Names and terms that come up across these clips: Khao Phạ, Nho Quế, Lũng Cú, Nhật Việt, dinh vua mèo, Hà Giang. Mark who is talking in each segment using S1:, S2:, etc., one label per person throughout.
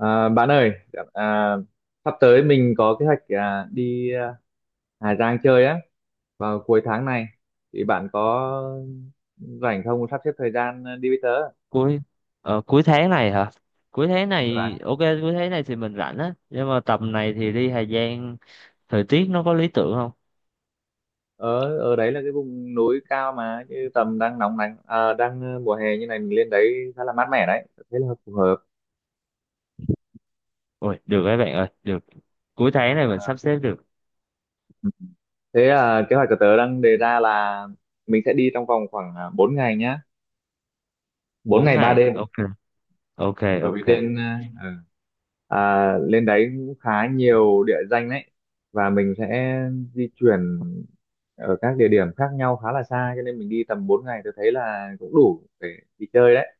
S1: À, bạn ơi, à, sắp tới mình có kế hoạch đi Hà Giang chơi á, vào cuối tháng này thì bạn có rảnh không, sắp xếp thời gian đi với tớ?
S2: cuối cuối tháng này hả? Cuối tháng
S1: Đúng rồi bạn.
S2: này, ok, cuối tháng này thì mình rảnh á, nhưng mà tầm này thì đi Hà Giang thời tiết nó có lý tưởng không?
S1: Ở ở đấy là cái vùng núi cao, mà như tầm đang nóng nắng, mùa hè như này mình lên đấy khá là mát mẻ đấy, thế là phù hợp.
S2: Ôi được, các bạn ơi, được, cuối tháng này mình
S1: à,
S2: sắp xếp được
S1: Kế hoạch của tớ đang đề ra là mình sẽ đi trong vòng khoảng 4 ngày nhá, bốn
S2: bốn
S1: ngày ba
S2: ngày
S1: đêm
S2: Ok, ok,
S1: Bởi vì
S2: ok.
S1: lên đấy cũng khá nhiều địa danh đấy, và mình sẽ di chuyển ở các địa điểm khác nhau khá là xa, cho nên mình đi tầm 4 ngày tôi thấy là cũng đủ để đi chơi đấy.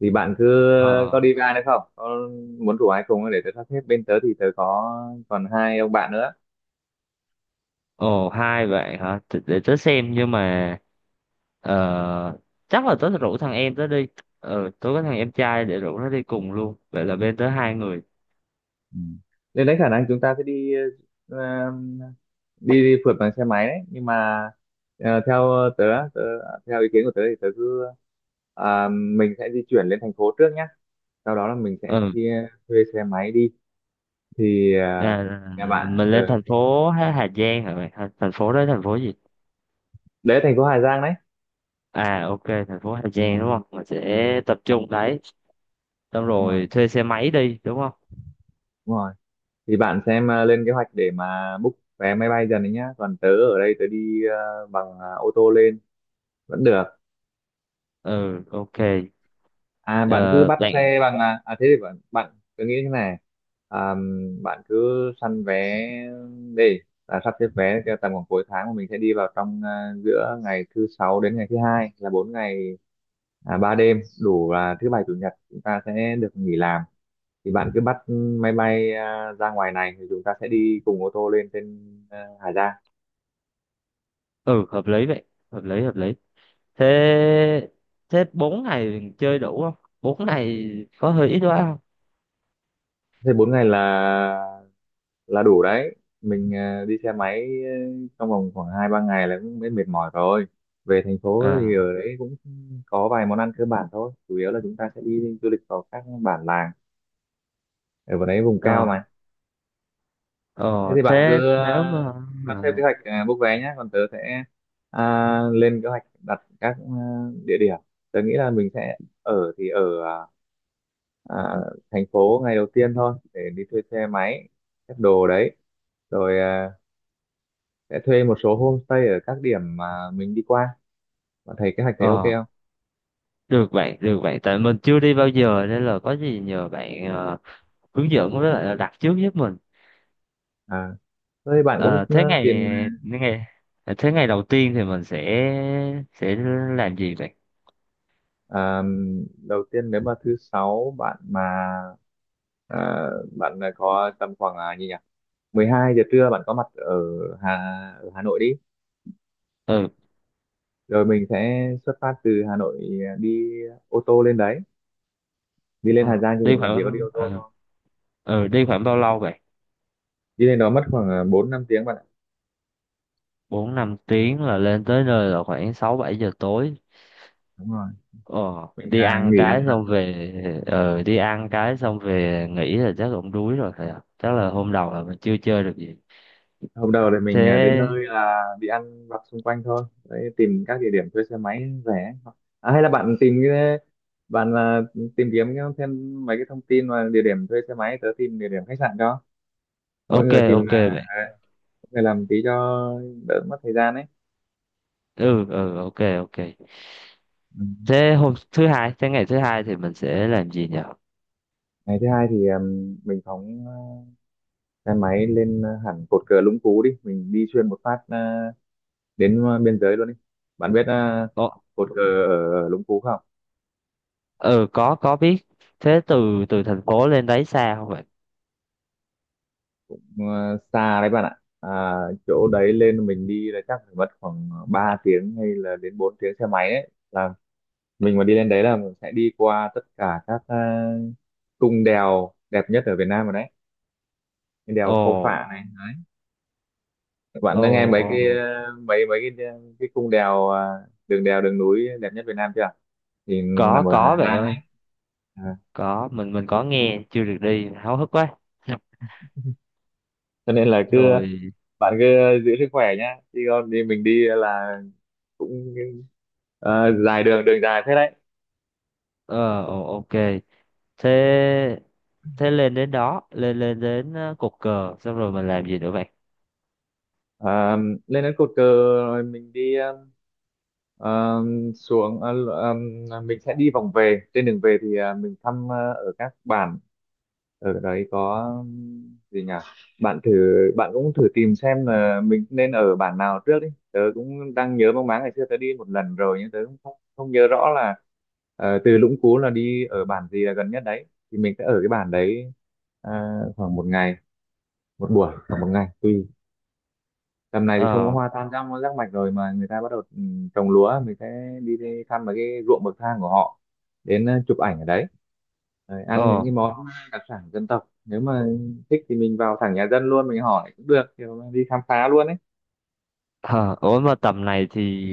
S1: Thì bạn cứ,
S2: ờ
S1: có đi với ai nữa không, có muốn rủ ai cùng không? Để tớ sắp xếp. Bên tớ thì tớ có còn hai ông bạn nữa.
S2: Ồ, hai bạn hả? Để tớ xem, nhưng mà ờ, chắc là tớ rủ thằng em tớ đi. Ừ, tớ có thằng em trai, để rủ nó đi cùng luôn, vậy là bên tớ hai người.
S1: Ừ. Nên đấy, khả năng chúng ta sẽ đi ờ, đi phượt bằng xe máy đấy, nhưng mà theo tớ, tớ theo ý kiến của tớ thì mình sẽ di chuyển lên thành phố trước nhé. Sau đó là mình sẽ
S2: Ừ.
S1: chia thuê xe máy đi. thì à,
S2: à,
S1: Nhà bạn
S2: mình lên
S1: ở?
S2: thành phố Hà Hà Giang hả mày? Thành phố đó thành phố gì?
S1: Đấy thành phố Hà Giang đấy.
S2: Ok, thành phố Hà Giang đúng không, mình sẽ tập trung đấy, xong
S1: Đúng rồi,
S2: rồi thuê xe máy đi đúng không?
S1: đúng rồi. Thì bạn xem, lên kế hoạch để mà book vé máy bay dần đấy nhá, còn tớ ở đây tớ đi ô tô lên vẫn được.
S2: Ừ, ok.
S1: Bạn cứ
S2: Ờ,
S1: bắt
S2: Bạn,
S1: xe bằng, thế thì bạn bạn, tớ nghĩ thế này, à, bạn cứ săn vé đi, là sắp xếp vé cho tầm khoảng cuối tháng mà mình sẽ đi vào trong, giữa ngày thứ sáu đến ngày thứ hai là bốn ngày ba đêm, đủ là thứ bảy chủ nhật chúng ta sẽ được nghỉ làm. Thì bạn cứ bắt máy bay ra ngoài này thì chúng ta sẽ đi cùng ô tô lên trên Hà Giang.
S2: ừ, hợp lý vậy, hợp lý, hợp lý. Thế thế 4 ngày chơi đủ không? 4 ngày có hơi ít quá không?
S1: Thế bốn ngày là đủ đấy. Mình đi xe máy trong vòng khoảng hai ba ngày là cũng mệt mỏi rồi. Về thành phố thì
S2: à
S1: ở đấy cũng có vài món ăn cơ bản thôi, chủ yếu là chúng ta sẽ đi du lịch vào các bản làng, ở vào đấy vùng cao
S2: Rồi.
S1: mà. Thế
S2: Ờ
S1: thì bạn
S2: Thế
S1: cứ
S2: nếu mà
S1: sắp xếp kế hoạch, book vé nhé, còn tớ sẽ lên kế hoạch đặt các địa điểm. Tớ nghĩ là mình sẽ ở, thì ở à, à, thành phố ngày đầu tiên thôi để đi thuê xe máy, xếp đồ đấy, rồi sẽ thuê một số homestay ở các điểm mà mình đi qua. Bạn thấy kế hoạch, thấy ok
S2: ờ
S1: không?
S2: được bạn, được bạn, tại mình chưa đi bao giờ nên là có gì nhờ bạn hướng dẫn, với lại là đặt trước giúp mình.
S1: à với bạn cũng
S2: Ờ, thế ngày
S1: tìm.
S2: ngày thế ngày đầu tiên thì mình sẽ làm gì vậy?
S1: ờ, Đầu tiên nếu mà thứ sáu bạn mà, ờ, có tầm khoảng, à, gì nhỉ 12 giờ trưa bạn có mặt ở Hà Hà Nội đi,
S2: Ừ.
S1: rồi mình sẽ xuất phát từ Hà Nội đi ô tô lên đấy. Đi lên Hà
S2: ờ,
S1: Giang thì
S2: đi
S1: mình chỉ có đi
S2: khoảng
S1: ô tô
S2: ờ,
S1: thôi.
S2: Đi khoảng bao lâu vậy?
S1: Đi lên đó mất khoảng 4 5 tiếng bạn ạ.
S2: 4-5 tiếng là lên tới nơi là khoảng 6-7 giờ tối.
S1: Đúng rồi,
S2: Ờ,
S1: mình nghỉ ăn.
S2: Đi ăn cái xong về nghỉ là chắc cũng đuối rồi phải không? Chắc là hôm đầu là mình chưa chơi được gì.
S1: Hôm đầu thì mình đến
S2: Thế,
S1: nơi là đi ăn vặt xung quanh thôi đấy, tìm các địa điểm thuê xe máy rẻ. Hay là bạn tìm cái, bạn à, tìm kiếm thêm mấy cái thông tin mà địa điểm thuê xe máy, tớ tìm địa điểm khách sạn, cho mỗi
S2: ok,
S1: người tìm,
S2: ok vậy.
S1: mỗi người làm tí cho đỡ mất thời gian ấy.
S2: Ừ, ok, ok.
S1: Ừ.
S2: Thế ngày thứ hai thì mình sẽ làm gì nhỉ?
S1: Ngày thứ hai thì mình phóng xe máy lên hẳn cột cờ Lũng Cú đi, mình đi xuyên một phát uh, đến biên giới luôn đi. Bạn biết
S2: Ờ,
S1: cột cờ ở Lũng Cú không?
S2: ừ, có biết. Thế từ từ thành phố lên đấy xa không bạn?
S1: Xa đấy bạn ạ. Chỗ đấy lên mình đi là chắc phải mất khoảng 3 tiếng hay là đến 4 tiếng xe máy đấy. Là mình mà đi lên đấy là mình sẽ đi qua tất cả các cung đèo đẹp nhất ở Việt Nam rồi đấy. Cái đèo
S2: Ồ,
S1: Khao Phạ này, bạn
S2: ồ,
S1: đã nghe mấy cái
S2: ồ,
S1: ờ, mấy mấy cái cái cung đèo, đường đèo đường núi đẹp nhất Việt Nam chưa? Thì
S2: có
S1: nằm ở
S2: có
S1: Hà
S2: bạn
S1: Giang
S2: ơi,
S1: ấy. à.
S2: có, mình có nghe, chưa được đi, háo hức quá Dạ.
S1: Cho nên là cứ,
S2: Rồi.
S1: bạn cứ giữ sức khỏe nhá, đi con đi, mình đi là cũng dài, đường đường dài thế đấy.
S2: Ờ Ồ, ok. Thế thế lên đến cột cờ xong rồi mình làm gì nữa bạn?
S1: À, lên đến cột cờ rồi mình đi, ờ, xuống ờ, ờ, mình sẽ đi vòng về. Trên đường về thì mình thăm ở các bản, ở đấy có, gì nhỉ bạn thử, cũng thử tìm xem là mình nên ở bản nào trước đi. Tớ cũng đang nhớ mang máng, ngày xưa tớ đi một lần rồi nhưng tớ cũng không nhớ rõ là từ Lũng Cú là đi ở bản gì là gần nhất đấy. Thì mình sẽ ở cái bản đấy khoảng một ngày, một buổi khoảng một ngày tùy. Tầm này thì không có
S2: ờ
S1: hoa tam giác giác mạch rồi mà người ta bắt đầu trồng lúa. Mình sẽ đi thăm mấy cái ruộng bậc thang của họ, đến chụp ảnh ở đấy. Rồi ăn những
S2: ờ
S1: cái món đặc sản dân tộc, nếu mà thích thì mình vào thẳng nhà dân luôn, mình hỏi cũng được, kiểu đi khám phá luôn ấy.
S2: ờ Ủa, mà tầm này thì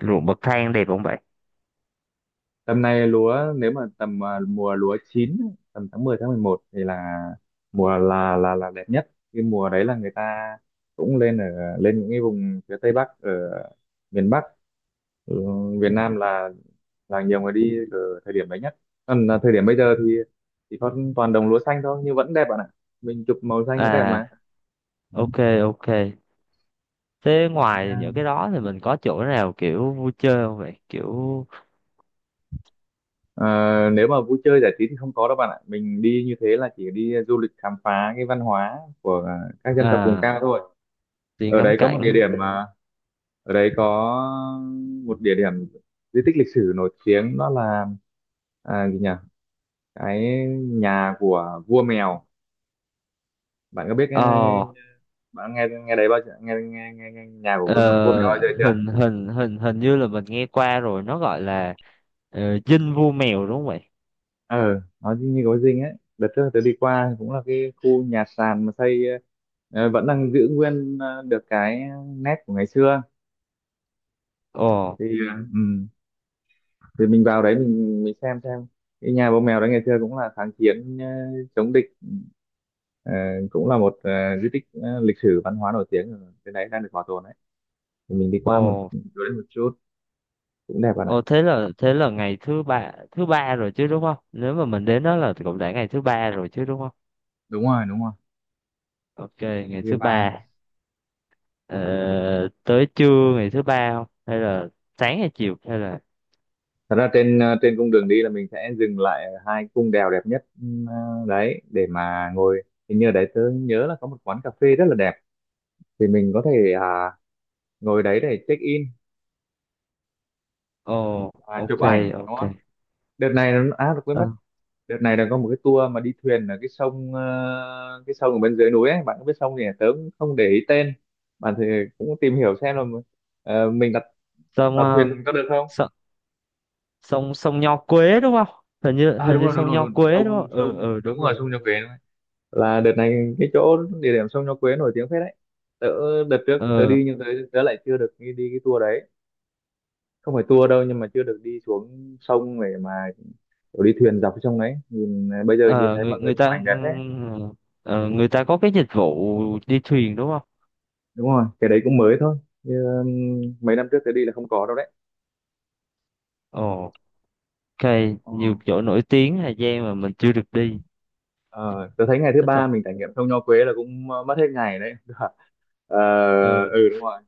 S2: ruộng bậc thang đẹp không bạn?
S1: Tầm này lúa, nếu mà tầm mùa lúa chín ấy, tầm tháng 10 tháng 11 thì là mùa là đẹp nhất. Cái mùa đấy là người ta cũng lên ở, lên những cái vùng phía Tây Bắc ở miền Bắc, ừ, Việt Nam, là nhiều người đi ở thời điểm đấy nhất. Còn là thời điểm bây giờ thì có toàn đồng lúa xanh thôi nhưng vẫn đẹp bạn ạ, mình chụp màu xanh vẫn đẹp
S2: à
S1: mà. Ừ.
S2: ok, ok. Thế
S1: Thế,
S2: ngoài
S1: à,
S2: những cái đó thì mình có chỗ nào kiểu vui chơi không vậy, kiểu...
S1: Ờ, Nếu mà vui chơi giải trí thì không có đâu bạn ạ, mình đi như thế là chỉ đi du lịch khám phá cái văn hóa của các dân tộc vùng
S2: à
S1: cao thôi.
S2: Đi
S1: ở
S2: ngắm
S1: đấy có một địa
S2: cảnh.
S1: điểm mà Ở đấy có một địa điểm di tích lịch sử nổi tiếng, đó là, à, gì nhỉ cái nhà của vua mèo. Bạn có biết,
S2: ờ
S1: bạn nghe, nghe đấy bao giờ nghe nghe nghe, nghe nhà của vua mèo bao giờ
S2: ờ,
S1: chưa?
S2: hình hình hình hình như là mình nghe qua rồi, nó gọi là dinh vua mèo đúng không vậy?
S1: Ờ nó như như có dinh ấy. Đợt trước tớ đi qua cũng là cái khu nhà sàn mà xây, vẫn đang giữ nguyên, được cái nét của ngày xưa.
S2: Ồ,
S1: Thì Yeah. Ừ, thì mình vào đấy, mình xem cái nhà vua mèo đấy. Ngày xưa cũng là kháng chiến, chống địch, ờ, cũng là một, di tích, lịch sử văn hóa nổi tiếng ở trên đấy đang được bảo tồn đấy. Thì mình đi qua một
S2: ồ,
S1: chỗ đấy một chút, cũng đẹp bạn ạ.
S2: ồ, thế là ngày thứ ba rồi chứ đúng không? Nếu mà mình đến đó là cũng đã ngày thứ ba rồi chứ đúng không?
S1: Đúng rồi, đúng rồi.
S2: Ok, ngày
S1: View
S2: thứ
S1: Ba.
S2: ba. ờ, Tới trưa ngày thứ ba không, hay là sáng hay chiều hay là...
S1: Thật ra trên cung đường đi là mình sẽ dừng lại ở hai cung đèo đẹp nhất, đấy để mà ngồi. Hình như ở đấy tớ nhớ là có một quán cà phê rất là đẹp, thì mình có thể ngồi đấy để check in
S2: Ồ,
S1: và chụp
S2: ok,
S1: ảnh, đúng
S2: ok.
S1: không? Đợt này nó, à được quên
S2: Ờ,
S1: mất, đợt này là có một cái tour mà đi thuyền ở cái sông, cái sông ở bên dưới núi ấy. Bạn có biết sông gì à? Tớ cũng không để ý tên. Bạn thì cũng tìm hiểu xem là, mình đặt đặt
S2: xong
S1: thuyền có được không?
S2: uh, sông sông Nho Quế đúng không? hình như hình
S1: Đúng
S2: như
S1: rồi, đúng
S2: sông
S1: rồi,
S2: Nho
S1: đúng rồi.
S2: Quế đúng
S1: Sông
S2: không? ừ
S1: sông
S2: ừ
S1: đúng
S2: đúng
S1: rồi,
S2: rồi.
S1: sông Nhật Việt. Là đợt này cái chỗ địa điểm sông Nho Quế nổi tiếng phết đấy. tớ Đợt trước tớ
S2: ờ
S1: đi nhưng tớ lại chưa được đi cái tour đấy, không phải tour đâu nhưng mà chưa được đi xuống sông để mà kiểu đi thuyền dọc cái sông đấy. Bây giờ nhìn
S2: ờ,
S1: thấy
S2: người
S1: mọi người
S2: người
S1: chụp
S2: ta
S1: ảnh đẹp đấy.
S2: ờ, Người ta có cái dịch vụ đi thuyền đúng không?
S1: Đúng rồi, cái đấy cũng mới thôi. Như, um, Mấy năm trước tớ đi là không có đâu đấy.
S2: Ồ, ok.
S1: Ờ.
S2: Nhiều chỗ nổi tiếng Hà Giang mà mình chưa được đi,
S1: Ờ, tớ thấy ngày thứ
S2: thích thật.
S1: ba mình trải nghiệm sông Nho Quế là cũng mất hết ngày đấy. Ờ,
S2: Ừ.
S1: ừ đúng rồi.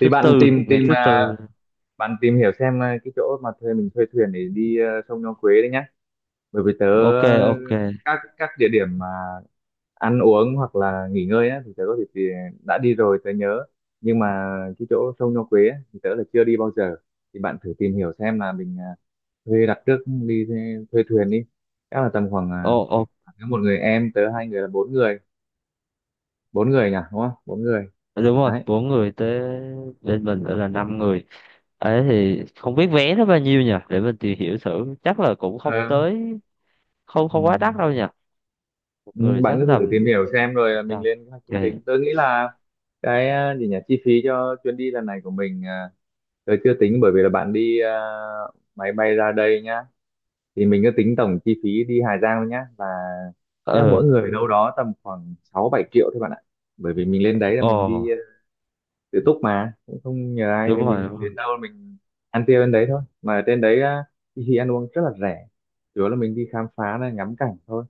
S1: Thì bạn
S2: tư
S1: tìm
S2: ngày
S1: tìm
S2: thứ
S1: ờ,
S2: tư.
S1: bạn tìm hiểu xem cái chỗ mà thuê, mình thuê thuyền để đi sông Nho Quế đấy nhá, bởi vì tớ,
S2: Ok, ok.
S1: các địa điểm mà ăn uống hoặc là nghỉ ngơi á thì tớ có thể, đã đi rồi tớ nhớ, nhưng mà cái chỗ sông Nho Quế á, thì tớ là chưa đi bao giờ. Thì bạn thử tìm hiểu xem là mình thuê đặt trước đi, thuê thuyền đi. Chắc là tầm khoảng,
S2: Ồ, ồ,
S1: nếu một người em tớ hai người là bốn người, bốn người nhỉ đúng không, bốn người
S2: đúng rồi,
S1: đấy.
S2: bốn người tới, bên mình nữa là năm người, ấy thì không biết vé nó bao nhiêu nhỉ, để mình tìm hiểu thử, chắc là cũng không
S1: Ờ.
S2: tới, không,
S1: Ừ.
S2: không quá đắt đâu nhỉ. Một
S1: Ừ,
S2: người
S1: bạn
S2: chắc
S1: cứ thử
S2: tầm...
S1: tìm hiểu xem rồi mình
S2: sao?
S1: lên các chương
S2: Okay.
S1: trình. Tôi nghĩ là cái à, gì nhỉ chi phí cho chuyến đi lần này của mình, tôi chưa tính bởi vì là bạn đi máy bay ra đây nhá. Thì mình cứ tính tổng chi phí đi Hà Giang thôi nhá, là chắc mỗi
S2: ờ
S1: người đâu đó tầm khoảng 6 7 triệu thôi bạn ạ. Bởi vì mình lên đấy là
S2: Ồ,
S1: mình đi tự túc mà cũng không nhờ ai,
S2: đúng
S1: thì
S2: rồi,
S1: mình
S2: đúng rồi.
S1: đến đâu mình ăn tiêu đến đấy thôi, mà ở trên đấy á, thì ăn uống rất là rẻ, chủ yếu là mình đi khám phá này ngắm cảnh thôi,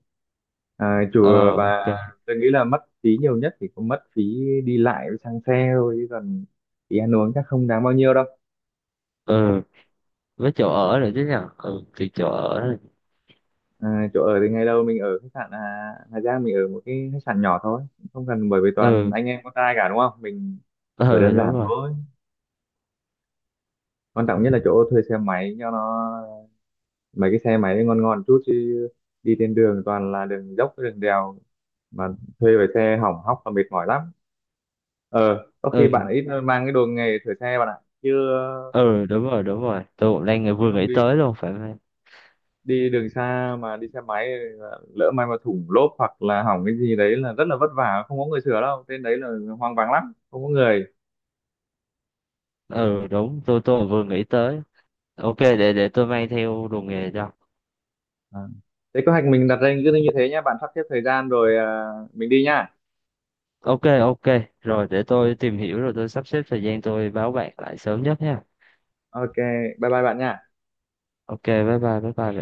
S1: chùa
S2: Ờ
S1: và
S2: ok.
S1: tôi nghĩ là mất phí nhiều nhất thì cũng mất phí đi lại với xăng xe thôi, chứ còn phí ăn uống chắc không đáng bao nhiêu đâu.
S2: Ừ, với chỗ ở nữa chứ nhở. Ừ thì chỗ ở này.
S1: Chỗ ở thì ngày đầu mình ở khách sạn Hà Giang, mình ở một cái khách sạn nhỏ thôi, không cần bởi vì toàn
S2: ừ
S1: anh em con trai cả đúng không, mình ở
S2: ừ,
S1: đơn
S2: đúng
S1: giản
S2: rồi.
S1: thôi. Quan trọng nhất là chỗ thuê xe máy cho nó mấy cái xe máy ngon ngon chút, chứ đi trên đường toàn là đường dốc đường đèo mà thuê về xe hỏng hóc là mệt mỏi lắm. Ờ có khi bạn
S2: ừ
S1: ít mang cái đồ nghề sửa xe bạn ạ, chứ
S2: ừ đúng rồi, đúng rồi, tôi cũng đang
S1: chứ
S2: vừa
S1: không
S2: nghĩ
S1: đi
S2: tới luôn, phải không em?
S1: đi đường xa mà đi xe máy lỡ may mà thủng lốp hoặc là hỏng cái gì đấy là rất là vất vả, không có người sửa đâu, trên đấy là hoang vắng lắm không có người.
S2: Ừ đúng, tôi cũng vừa nghĩ tới. Ok, để tôi mang theo đồ nghề cho.
S1: à. Thế kế hoạch mình đặt ra cứ như thế nhé, bạn sắp xếp thời gian rồi mình đi nhá.
S2: Ok, ok, rồi để tôi tìm hiểu, rồi tôi sắp xếp thời gian, tôi báo bạn lại sớm nhất nha.
S1: Ok, bye bye bạn nhá.
S2: Ok, bye bye, bye bye bạn.